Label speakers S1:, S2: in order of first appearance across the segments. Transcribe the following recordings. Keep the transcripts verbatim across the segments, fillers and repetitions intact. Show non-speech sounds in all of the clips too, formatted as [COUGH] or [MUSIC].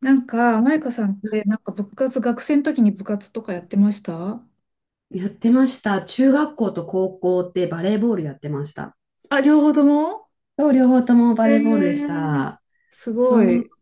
S1: なんか、マイカさんっ
S2: は
S1: て、
S2: い、
S1: なんか部活、学生の時に部活とかやってました。
S2: やってました。中学校と高校ってバレーボールやってました。
S1: あ、両方とも。
S2: そう、両方とも
S1: え
S2: バレーボールでし
S1: ー、
S2: た。
S1: す
S2: そ
S1: ご
S2: う。
S1: い。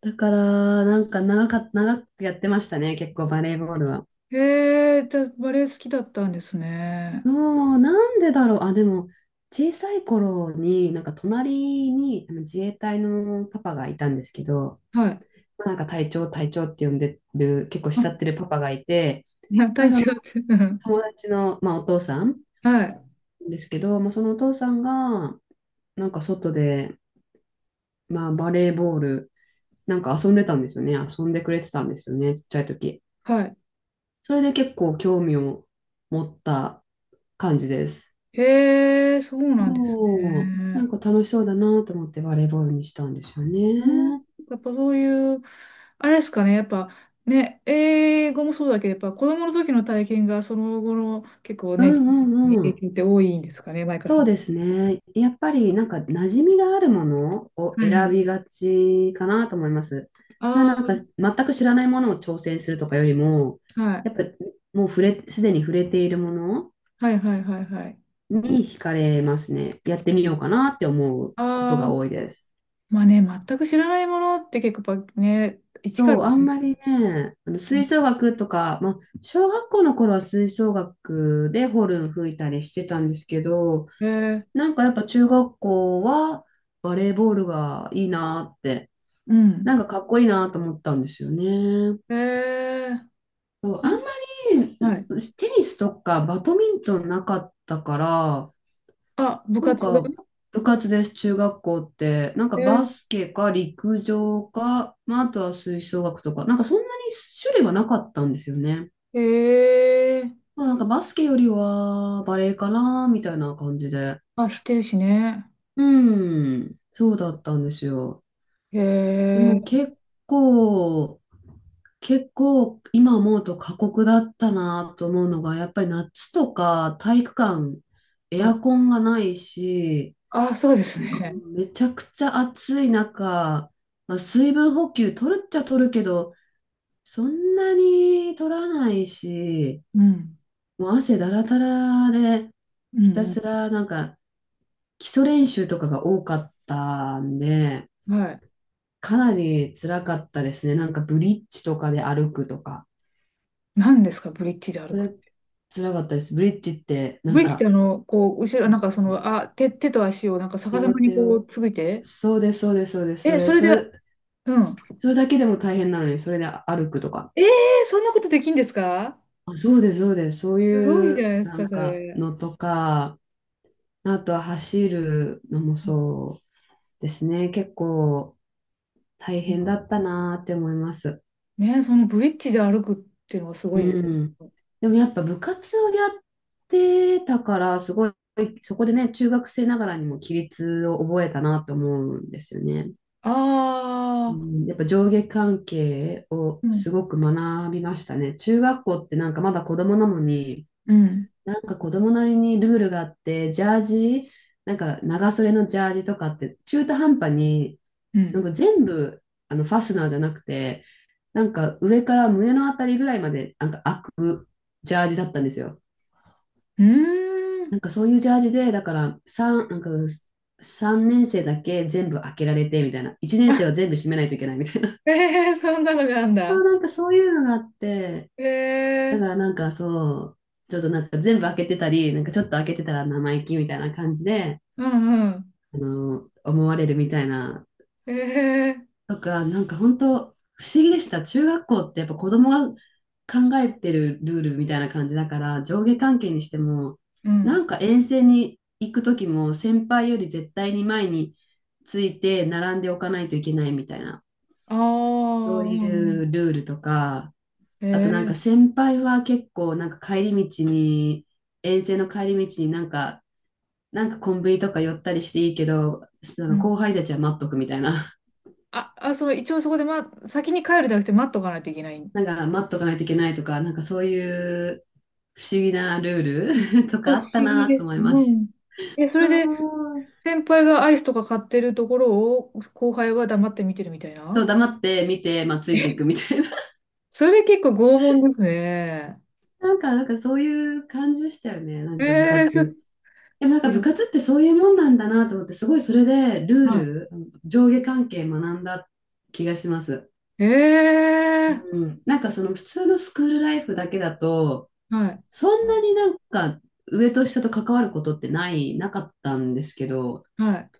S2: だから、なんか長かっ、長くやってましたね、結構バレーボールは。
S1: えー、じゃあ、バレエ好きだったんですね。
S2: そう、なんでだろう。あ、でも、小さい頃に、なんか隣にあの自衛隊のパパがいたんですけど、
S1: はい。
S2: なんか隊長、隊長って呼んでる、結構慕って
S1: あ、
S2: るパパがいて、
S1: いや、[LAUGHS]
S2: まあ、
S1: 体
S2: その
S1: 調って、うん。
S2: 友達の、まあ、お父さん
S1: はい、
S2: ですけど、まあ、そのお父さんが、なんか外で、まあバレーボール、なんか遊んでたんですよね。遊んでくれてたんですよね、ちっちゃい時。
S1: はい。
S2: それで結構興味を持った感じです。
S1: えー、そうなんです
S2: おー、な
S1: ね。
S2: んか楽しそうだなと思ってバレーボールにしたんですよ
S1: うん、
S2: ね。
S1: やっぱそういう、あれですかね、やっぱ、ね、英語もそうだけど、やっぱ子供の時の体験がその後の結構
S2: う
S1: ね、
S2: んう
S1: 影
S2: んうん。
S1: 響って多いんですかね、マイカ
S2: そ
S1: さ
S2: う
S1: ん。
S2: ですね。やっぱりなんか馴染みがあるものを
S1: は
S2: 選
S1: い。
S2: びがちかなと思います。それはなん
S1: あ
S2: か全く知らないものを挑戦するとかよりも、
S1: あ、はい。
S2: やっぱもう触れ、すでに触れているもの
S1: はいはいはいはい。
S2: に惹かれますね。やってみようかなって思うこと
S1: あ
S2: が
S1: あ、
S2: 多いです。
S1: まあね、全く知らないものって結構やっぱね、一から
S2: そう、
S1: で
S2: あ
S1: す
S2: ん
S1: ね。
S2: まりね、あの吹奏楽とか、まあ、小学校の頃は吹奏楽でホルン吹いたりしてたんですけど、
S1: えー、
S2: なんかやっぱ中学校はバレーボールがいいなって、
S1: う
S2: な
S1: ん。
S2: んかかっこいいなと思ったんですよね。
S1: えー、
S2: そう、
S1: う
S2: あんま
S1: ん。はい。
S2: りテニスとかバドミントンなかったから、
S1: あ、部
S2: なん
S1: 活が。
S2: か、部活です、中学校って。なんかバ
S1: え
S2: スケか陸上か、まあ、あとは吹奏楽とか、なんかそんなに種類はなかったんですよね。
S1: ー、えー、
S2: まあ、なんかバスケよりはバレエかな、みたいな感じで。
S1: あ、知ってるしね。
S2: うん、そうだったんですよ。でも
S1: え
S2: 結構、結構今思うと過酷だったなと思うのが、やっぱり夏とか体育館、
S1: ー、
S2: エ
S1: は
S2: ア
S1: い。
S2: コンがないし、
S1: あ、そうです
S2: も
S1: ね。
S2: うめちゃくちゃ暑い中、まあ、水分補給取るっちゃ取るけど、そんなに取らないし、
S1: うん。
S2: もう汗だらだらで、
S1: う
S2: ひた
S1: ん
S2: すらなんか基礎練習とかが多かったんで、
S1: うん。はい。
S2: かなり辛かったですね。なんかブリッジとかで歩くとか、
S1: 何ですか、ブリッジで歩
S2: そ
S1: く。
S2: れ辛かったです。ブリッジってな
S1: ブ
S2: ん
S1: リッジってあ
S2: か、
S1: の、こう、後ろ、
S2: ブリ
S1: な
S2: ッ
S1: ん
S2: ジ
S1: かそ
S2: って
S1: の、あ、手、手と足をなんか逆さ
S2: 両
S1: まに
S2: 手
S1: こう、
S2: を、
S1: ついて。
S2: そうです、そうです、そうです、そ
S1: え、
S2: れ、
S1: それ
S2: そ
S1: で、
S2: れ、
S1: うん。
S2: それだけでも大変なのに、それで歩くとか。
S1: ええー、そんなことできんですか。
S2: あ、そうです、そうです。そう
S1: すごい
S2: い
S1: じゃ
S2: う
S1: ないです
S2: な
S1: か、
S2: ん
S1: そ
S2: か
S1: れ。
S2: のとか、あとは走るのも
S1: うん
S2: そうですね。結構大
S1: うん、
S2: 変だったなーって思います。
S1: ね、そのブリッジで歩くっていうのがすご
S2: う
S1: いです
S2: ん。
S1: よ。
S2: でもやっぱ部活をやってたから、すごい、そこでね、中学生ながらにも規律を覚えたなと思うんですよね。
S1: あ
S2: う
S1: あ、
S2: ん、やっぱ上下関係を
S1: う
S2: す
S1: ん、
S2: ごく学びましたね。中学校ってなんかまだ子供なのに、
S1: うん、
S2: なんか子供なりにルールがあって、ジャージ、なんか長袖のジャージとかって中途半端に、
S1: う
S2: なん
S1: ん。
S2: か全部あのファスナーじゃなくて、なんか上から胸のあたりぐらいまでなんか開くジャージだったんですよ。
S1: うー
S2: な
S1: ん。
S2: んかそういうジャージで、だからさん、なんかさんねん生だけ全部開けられてみたいな、
S1: [LAUGHS]
S2: いちねん生
S1: あ、
S2: は全部閉めないといけないみたいな、
S1: え、えそんなのがあん
S2: [LAUGHS] そう
S1: だ。
S2: なんかそういうのがあって、だ
S1: え
S2: か
S1: え、
S2: らなんかそう、ちょっとなんか全部開けてたり、なんかちょっと開けてたら生意気みたいな感じで、
S1: うんうん。
S2: あの、思われるみたいな、
S1: ええ、
S2: とか、なんか本当不思議でした。中学校ってやっぱ子供が考えてるルールみたいな感じだから、上下関係にしても、
S1: う
S2: な
S1: ん。
S2: んか遠征に行く時も、先輩より絶対に前について並んでおかないといけないみたいな、
S1: あ
S2: そ
S1: あ、
S2: う
S1: う
S2: い
S1: んうん。
S2: うルールとか、あとなんか
S1: ええ、
S2: 先輩は結構なんか帰り道に、遠征の帰り道になんか、なんかコンビニとか寄ったりしていいけど、そ
S1: う
S2: の
S1: ん。
S2: 後輩たちは待っとくみたいな。
S1: あ、あ、その、一応そこで、ま、先に帰るじゃなくて待っとかないといけない。
S2: なんか待っとかないといけないとか、なんかそういう不思議なルール [LAUGHS] と
S1: 不
S2: かあ
S1: 思
S2: った
S1: 議
S2: な
S1: で
S2: と思
S1: す。
S2: いま
S1: う
S2: す。
S1: ん。え、それ
S2: そう、
S1: で、先輩がアイスとか買ってるところを後輩は黙って見てるみたい
S2: そう
S1: な。
S2: 黙って見て、まあ、ついていく
S1: え、
S2: みたいな。
S1: [LAUGHS] それ結構拷問ですね。
S2: [LAUGHS] なんか、なんかそういう感じでしたよね、な
S1: え、
S2: んか部
S1: えちょっと、
S2: 活。でもなんか
S1: う
S2: 部
S1: ん、
S2: 活ってそういうもんなんだなと思って、すごいそれでルー
S1: は
S2: ル、上下関係学んだ気がします。
S1: い。ええ、
S2: うん、なんかその普通のスクールライフだけだと、
S1: はい、
S2: そんなになんか上と下と関わることってない、なかったんですけど、
S1: はい。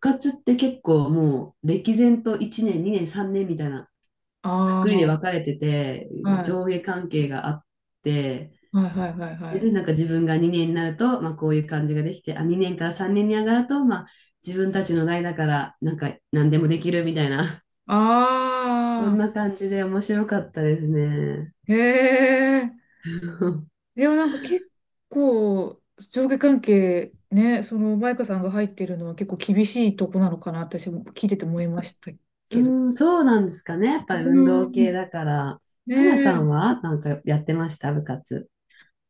S2: 活って結構もう歴然といちねん、にねん、さんねんみたいなくくりで分
S1: あ
S2: かれてて、
S1: あ、はい、
S2: 上下関係があって、
S1: はい、はい、はい、はい。
S2: で、なんか自分がにねんになると、まあこういう感じができて、あ、にねんからさんねんに上がると、まあ自分たちの代だから、なんか何でもできるみたいな、[LAUGHS] そん
S1: あ
S2: な感じで面白かったですね。
S1: あ、え、え
S2: [LAUGHS]
S1: でもなんか結構、上下関係、ね、その、マイカさんが入ってるのは結構厳しいとこなのかな、私も聞いてて思いました
S2: う
S1: けど。
S2: ん、そうなんですかね。やっぱり運
S1: う
S2: 動系
S1: ん。
S2: だから。
S1: ね。
S2: 花さ
S1: え、
S2: んはなんかやってました、部活？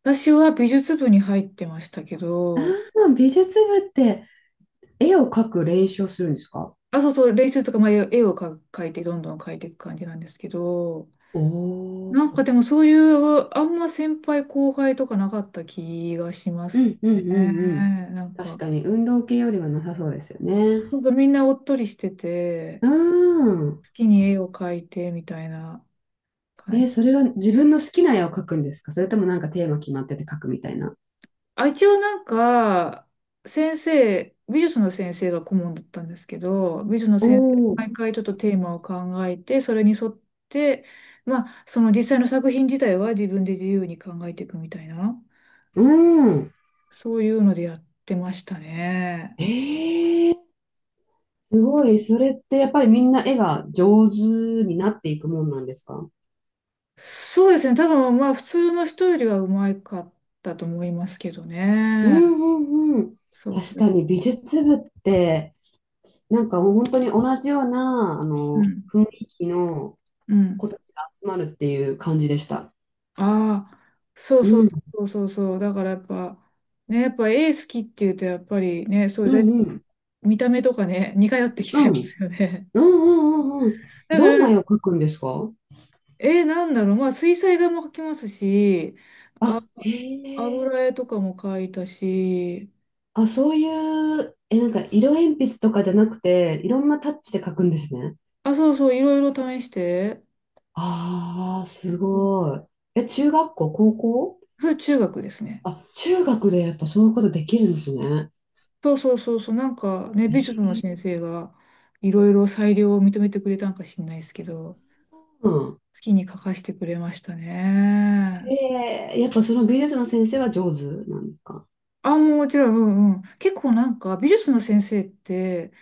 S1: 私は美術部に入ってましたけ
S2: あ
S1: ど、
S2: あ、美術部って絵を描く練習をするんですか？
S1: あ、そうそう、練習とか、まあ、絵をか描いて、どんどん描いていく感じなんですけど、
S2: お
S1: なんか
S2: ー、
S1: でもそういう、あんま先輩後輩とかなかった気がしま
S2: う
S1: す
S2: んう
S1: ね。
S2: んうんうん。
S1: なん
S2: 確
S1: か、
S2: かに運動系よりはなさそうですよね。
S1: そうそうみんなおっとりしてて、
S2: うん。
S1: 好きに絵を描いてみたいな感
S2: えー、そ
S1: じ。
S2: れは自分の好きな絵を描くんですか、それともなんかテーマ決まってて描くみたいな？
S1: あ、一応なんか、先生、美術の先生が顧問だったんですけど、美術の
S2: お
S1: 先生、
S2: お、
S1: 毎回ちょっとテーマを考えて、それに沿って、まあ、その実際の作品自体は自分で自由に考えていくみたいな、
S2: うん。
S1: そういうのでやってましたね。
S2: えー、すごい。それってやっぱりみんな絵が上手になっていくもんなんですか？
S1: そうですね、多分まあ、普通の人よりはうまかったと思いますけど
S2: うん
S1: ね。
S2: うんうん。
S1: そう
S2: 確
S1: そう。
S2: かに美術部ってなんかもう本当に同じようなあ
S1: う
S2: の
S1: ん。
S2: 雰囲気の
S1: う
S2: 子
S1: ん。
S2: たちが集まるっていう感じでした。
S1: ああ、そうそうそうそうそう。だからやっぱ、ね、やっぱ絵好きっていうと、やっぱりね、そういう
S2: う
S1: だい
S2: んうん。
S1: 見た目とかね、似通ってき
S2: う
S1: ちゃ
S2: ん。う
S1: いま
S2: ん
S1: すよね。
S2: うんうんうん。
S1: [LAUGHS] だ
S2: ど
S1: か
S2: ん
S1: ら、
S2: な絵を描くんですか？
S1: え、なんだろう、まあ、水彩画も描きますし、あ、
S2: あ、へえ。
S1: 油絵とかも描いたし、
S2: あ、そういう、え、なんか色鉛筆とかじゃなくて、いろんなタッチで描くんですね。
S1: あ、そうそう、いろいろ試して、
S2: ああ、す
S1: うん。
S2: ごい。え、中学校、高校？
S1: それ中学ですね。
S2: あ、中学でやっぱそういうことできるんですね。
S1: そうそうそうそう、なんかね、
S2: え
S1: 美術の
S2: ー、
S1: 先生がいろいろ裁量を認めてくれたんかしんないですけど、
S2: うん。
S1: 好きに描かしてくれましたね。
S2: えー、やっぱその美術の先生は上手なんですか？
S1: あ、もちろん、うんうん。結構なんか美術の先生って、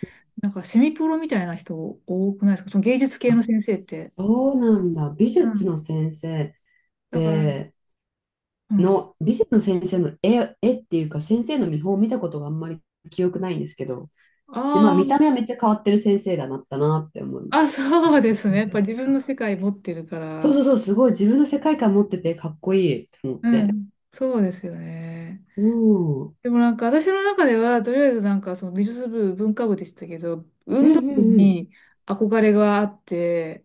S1: なんかセミプロみたいな人多くないですかその芸術系の
S2: あ、
S1: 先生って。
S2: そうなんだ。美
S1: う
S2: 術の
S1: ん。
S2: 先生っ
S1: だから、
S2: て
S1: うん。
S2: の、美術の先生の絵、絵っていうか、先生の見本を見たことがあんまり記憶ないんですけど、で、まあ、見た目
S1: あ
S2: はめっちゃ変わってる先生だなったなって思う。
S1: あ、あ、そうですね。やっぱ自分の世界持ってるか
S2: そう
S1: ら。
S2: そうそう、すごい自分の世界観持っててかっこいいって思っ
S1: う
S2: て。
S1: ん。そうですよね。
S2: うん。うん
S1: でもなんか私の中では、とりあえずなんかその美術部、文化部でしたけど、
S2: うん
S1: 運動部
S2: うん。
S1: に憧れがあって、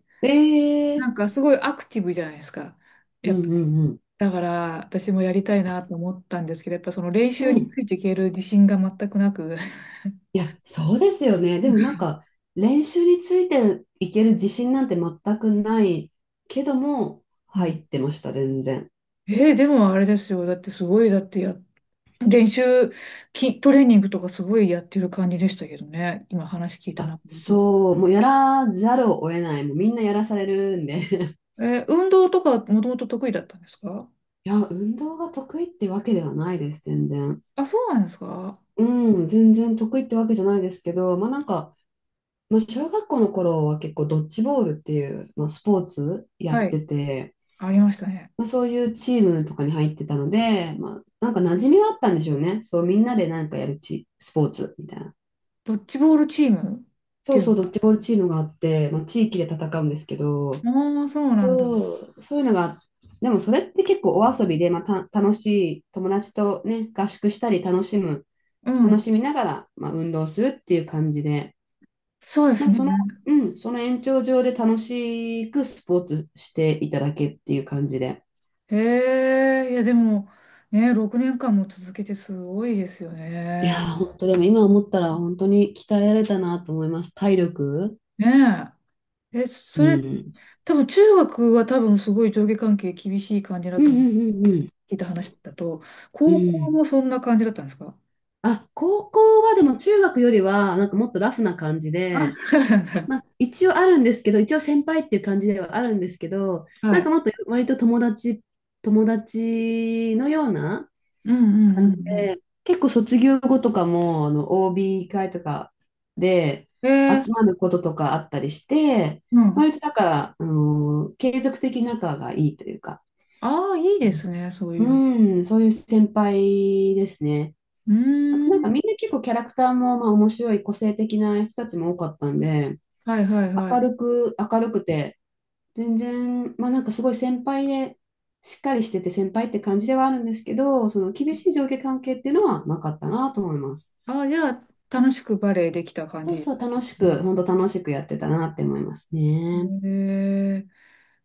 S1: な
S2: ええ、
S1: んかすごいアクティブじゃないですか。
S2: う
S1: やっぱ
S2: んう
S1: り。
S2: んうん。
S1: だから私もやりたいなと思ったんですけど、やっぱその練
S2: う
S1: 習に
S2: ん。
S1: ついていける自信が全くなく。[LAUGHS]
S2: いや、そうですよね。でもなんか、練習についていける自信なんて全くないけども、
S1: うん。
S2: 入ってました、全然。
S1: えー、でもあれですよ。だってすごい、だってや、練習、きトレーニングとかすごいやってる感じでしたけどね。今話聞いた
S2: あ、
S1: なと思うと。
S2: そう、もうやらざるを得ない、もうみんなやらされるんで [LAUGHS]
S1: えー、運動とかもともと得意だったんですか。
S2: いや、運動が得意ってわけではないです、全然。
S1: あ、そうなんですか。
S2: うん、全然得意ってわけじゃないですけど、まあなんか、まあ、小学校の頃は結構ドッジボールっていう、まあ、スポーツや
S1: は
S2: っ
S1: い。
S2: てて、
S1: ありましたね。
S2: まあ、そういうチームとかに入ってたので、まあ、なんか馴染みはあったんでしょうね。そう、みんなでなんかやるチ、スポーツみたいな。
S1: ドッジボールチームっ
S2: そ
S1: てい
S2: う
S1: う
S2: そう、
S1: の
S2: ドッ
S1: が。
S2: ジボールチームがあって、まあ、地域で戦うんですけど、
S1: ああ、そうなんだ。
S2: そう、そういうのが、でもそれって結構お遊びで、まあ、た楽しい友達とね、合宿したり楽しむ、
S1: う
S2: 楽
S1: ん。
S2: しみながら、まあ、運動するっていう感じで、
S1: そうで
S2: ま
S1: す
S2: あ、
S1: ね。
S2: その、うん、その延長上で楽しくスポーツしていただけっていう感じで。
S1: へえ、いやでも、ね、ろくねんかんも続けてすごいですよ
S2: いや
S1: ね。
S2: ー、本当でも今思ったら本当に鍛えられたなと思います。体力。
S1: ね。え、え、
S2: う
S1: それ、
S2: ん。
S1: 多分中学は多分すごい上下関係厳しい感じだ
S2: うんう
S1: と聞
S2: んうんうん。
S1: いた話だと、
S2: う
S1: 高校
S2: ん。
S1: もそんな感じだったんですか。
S2: あ、高校はでも中学よりはなんかもっとラフな感じ
S1: あ、[LAUGHS]
S2: で、
S1: そうなんだ。
S2: まあ、一応あるんですけど、一応先輩っていう感じではあるんですけど、な
S1: は
S2: んか
S1: い。
S2: もっと割と友達、友達のような
S1: うんう
S2: 感
S1: ん
S2: じ
S1: うん
S2: で、結構卒業後とかも、あの、オービー 会とかで
S1: うん。え
S2: 集
S1: ー、
S2: まることとかあったりして、
S1: うん。
S2: 割とだから、あの、継続的に仲がいいというか、
S1: ああ、いいですね、そういうの。
S2: うん、そういう先輩ですね。
S1: う
S2: あ
S1: ー
S2: となんかみ
S1: ん。
S2: んな結構キャラクターもまあ面白い個性的な人たちも多かったんで、
S1: はいはいは
S2: 明
S1: い。
S2: るく、明るくて、全然、まあなんかすごい先輩で、しっかりしてて先輩って感じではあるんですけど、その厳しい上下関係っていうのはなかったなと思います。
S1: ああ、じゃあ、楽しくバレエできた感
S2: そう
S1: じ。
S2: そう、楽しく、本当楽しくやってたなって思いますね。
S1: えー、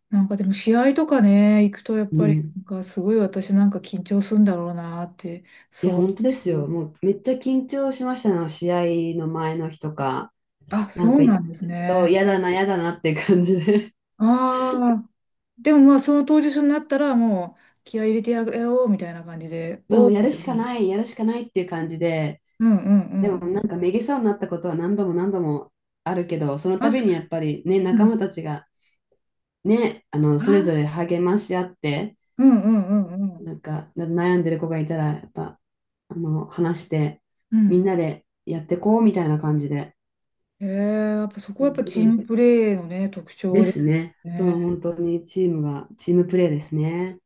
S1: なんかでも試合とかね、行くとやっ
S2: う
S1: ぱり
S2: ん。
S1: なんかすごい私なんか緊張するんだろうなって
S2: いや、
S1: 想像
S2: 本当です
S1: し
S2: よ。
S1: て。
S2: もうめっちゃ緊張しましたの、試合の前の日とか。
S1: あ、そ
S2: なん
S1: う
S2: か、
S1: なんです
S2: そ
S1: ね。
S2: う、嫌だな、嫌だなっていう感じで。
S1: ああ、でもまあその当日になったらもう気合い入れてやろうみたいな感じで、
S2: [LAUGHS] まあ、も
S1: お
S2: う
S1: ー
S2: や
S1: み
S2: る
S1: たい
S2: し
S1: な
S2: か
S1: 感
S2: な
S1: じ。
S2: い、やるしかないっていう感じで。
S1: うんうん
S2: で
S1: う
S2: もな
S1: ん。
S2: んかめげそうになったことは何度も何度もあるけど、その
S1: あ、
S2: 度
S1: そう。
S2: にやっぱりね、
S1: う
S2: 仲間
S1: ん。
S2: たちがね、あの、
S1: あ
S2: それぞれ
S1: ー、
S2: 励まし合って、
S1: うんうんうんうん。
S2: なんか、悩んでる子がいたら、やっぱ、あの、話して、
S1: う
S2: み
S1: ん。
S2: んなでやってこうみたいな感じで、
S1: えー、やっぱそこ
S2: う
S1: はやっ
S2: ん、
S1: ぱ
S2: す
S1: チー
S2: ごい
S1: ムプレーのね、特
S2: で
S1: 徴で
S2: す
S1: す
S2: ね。その
S1: ね。
S2: 本当にチームが、チームプレーですね。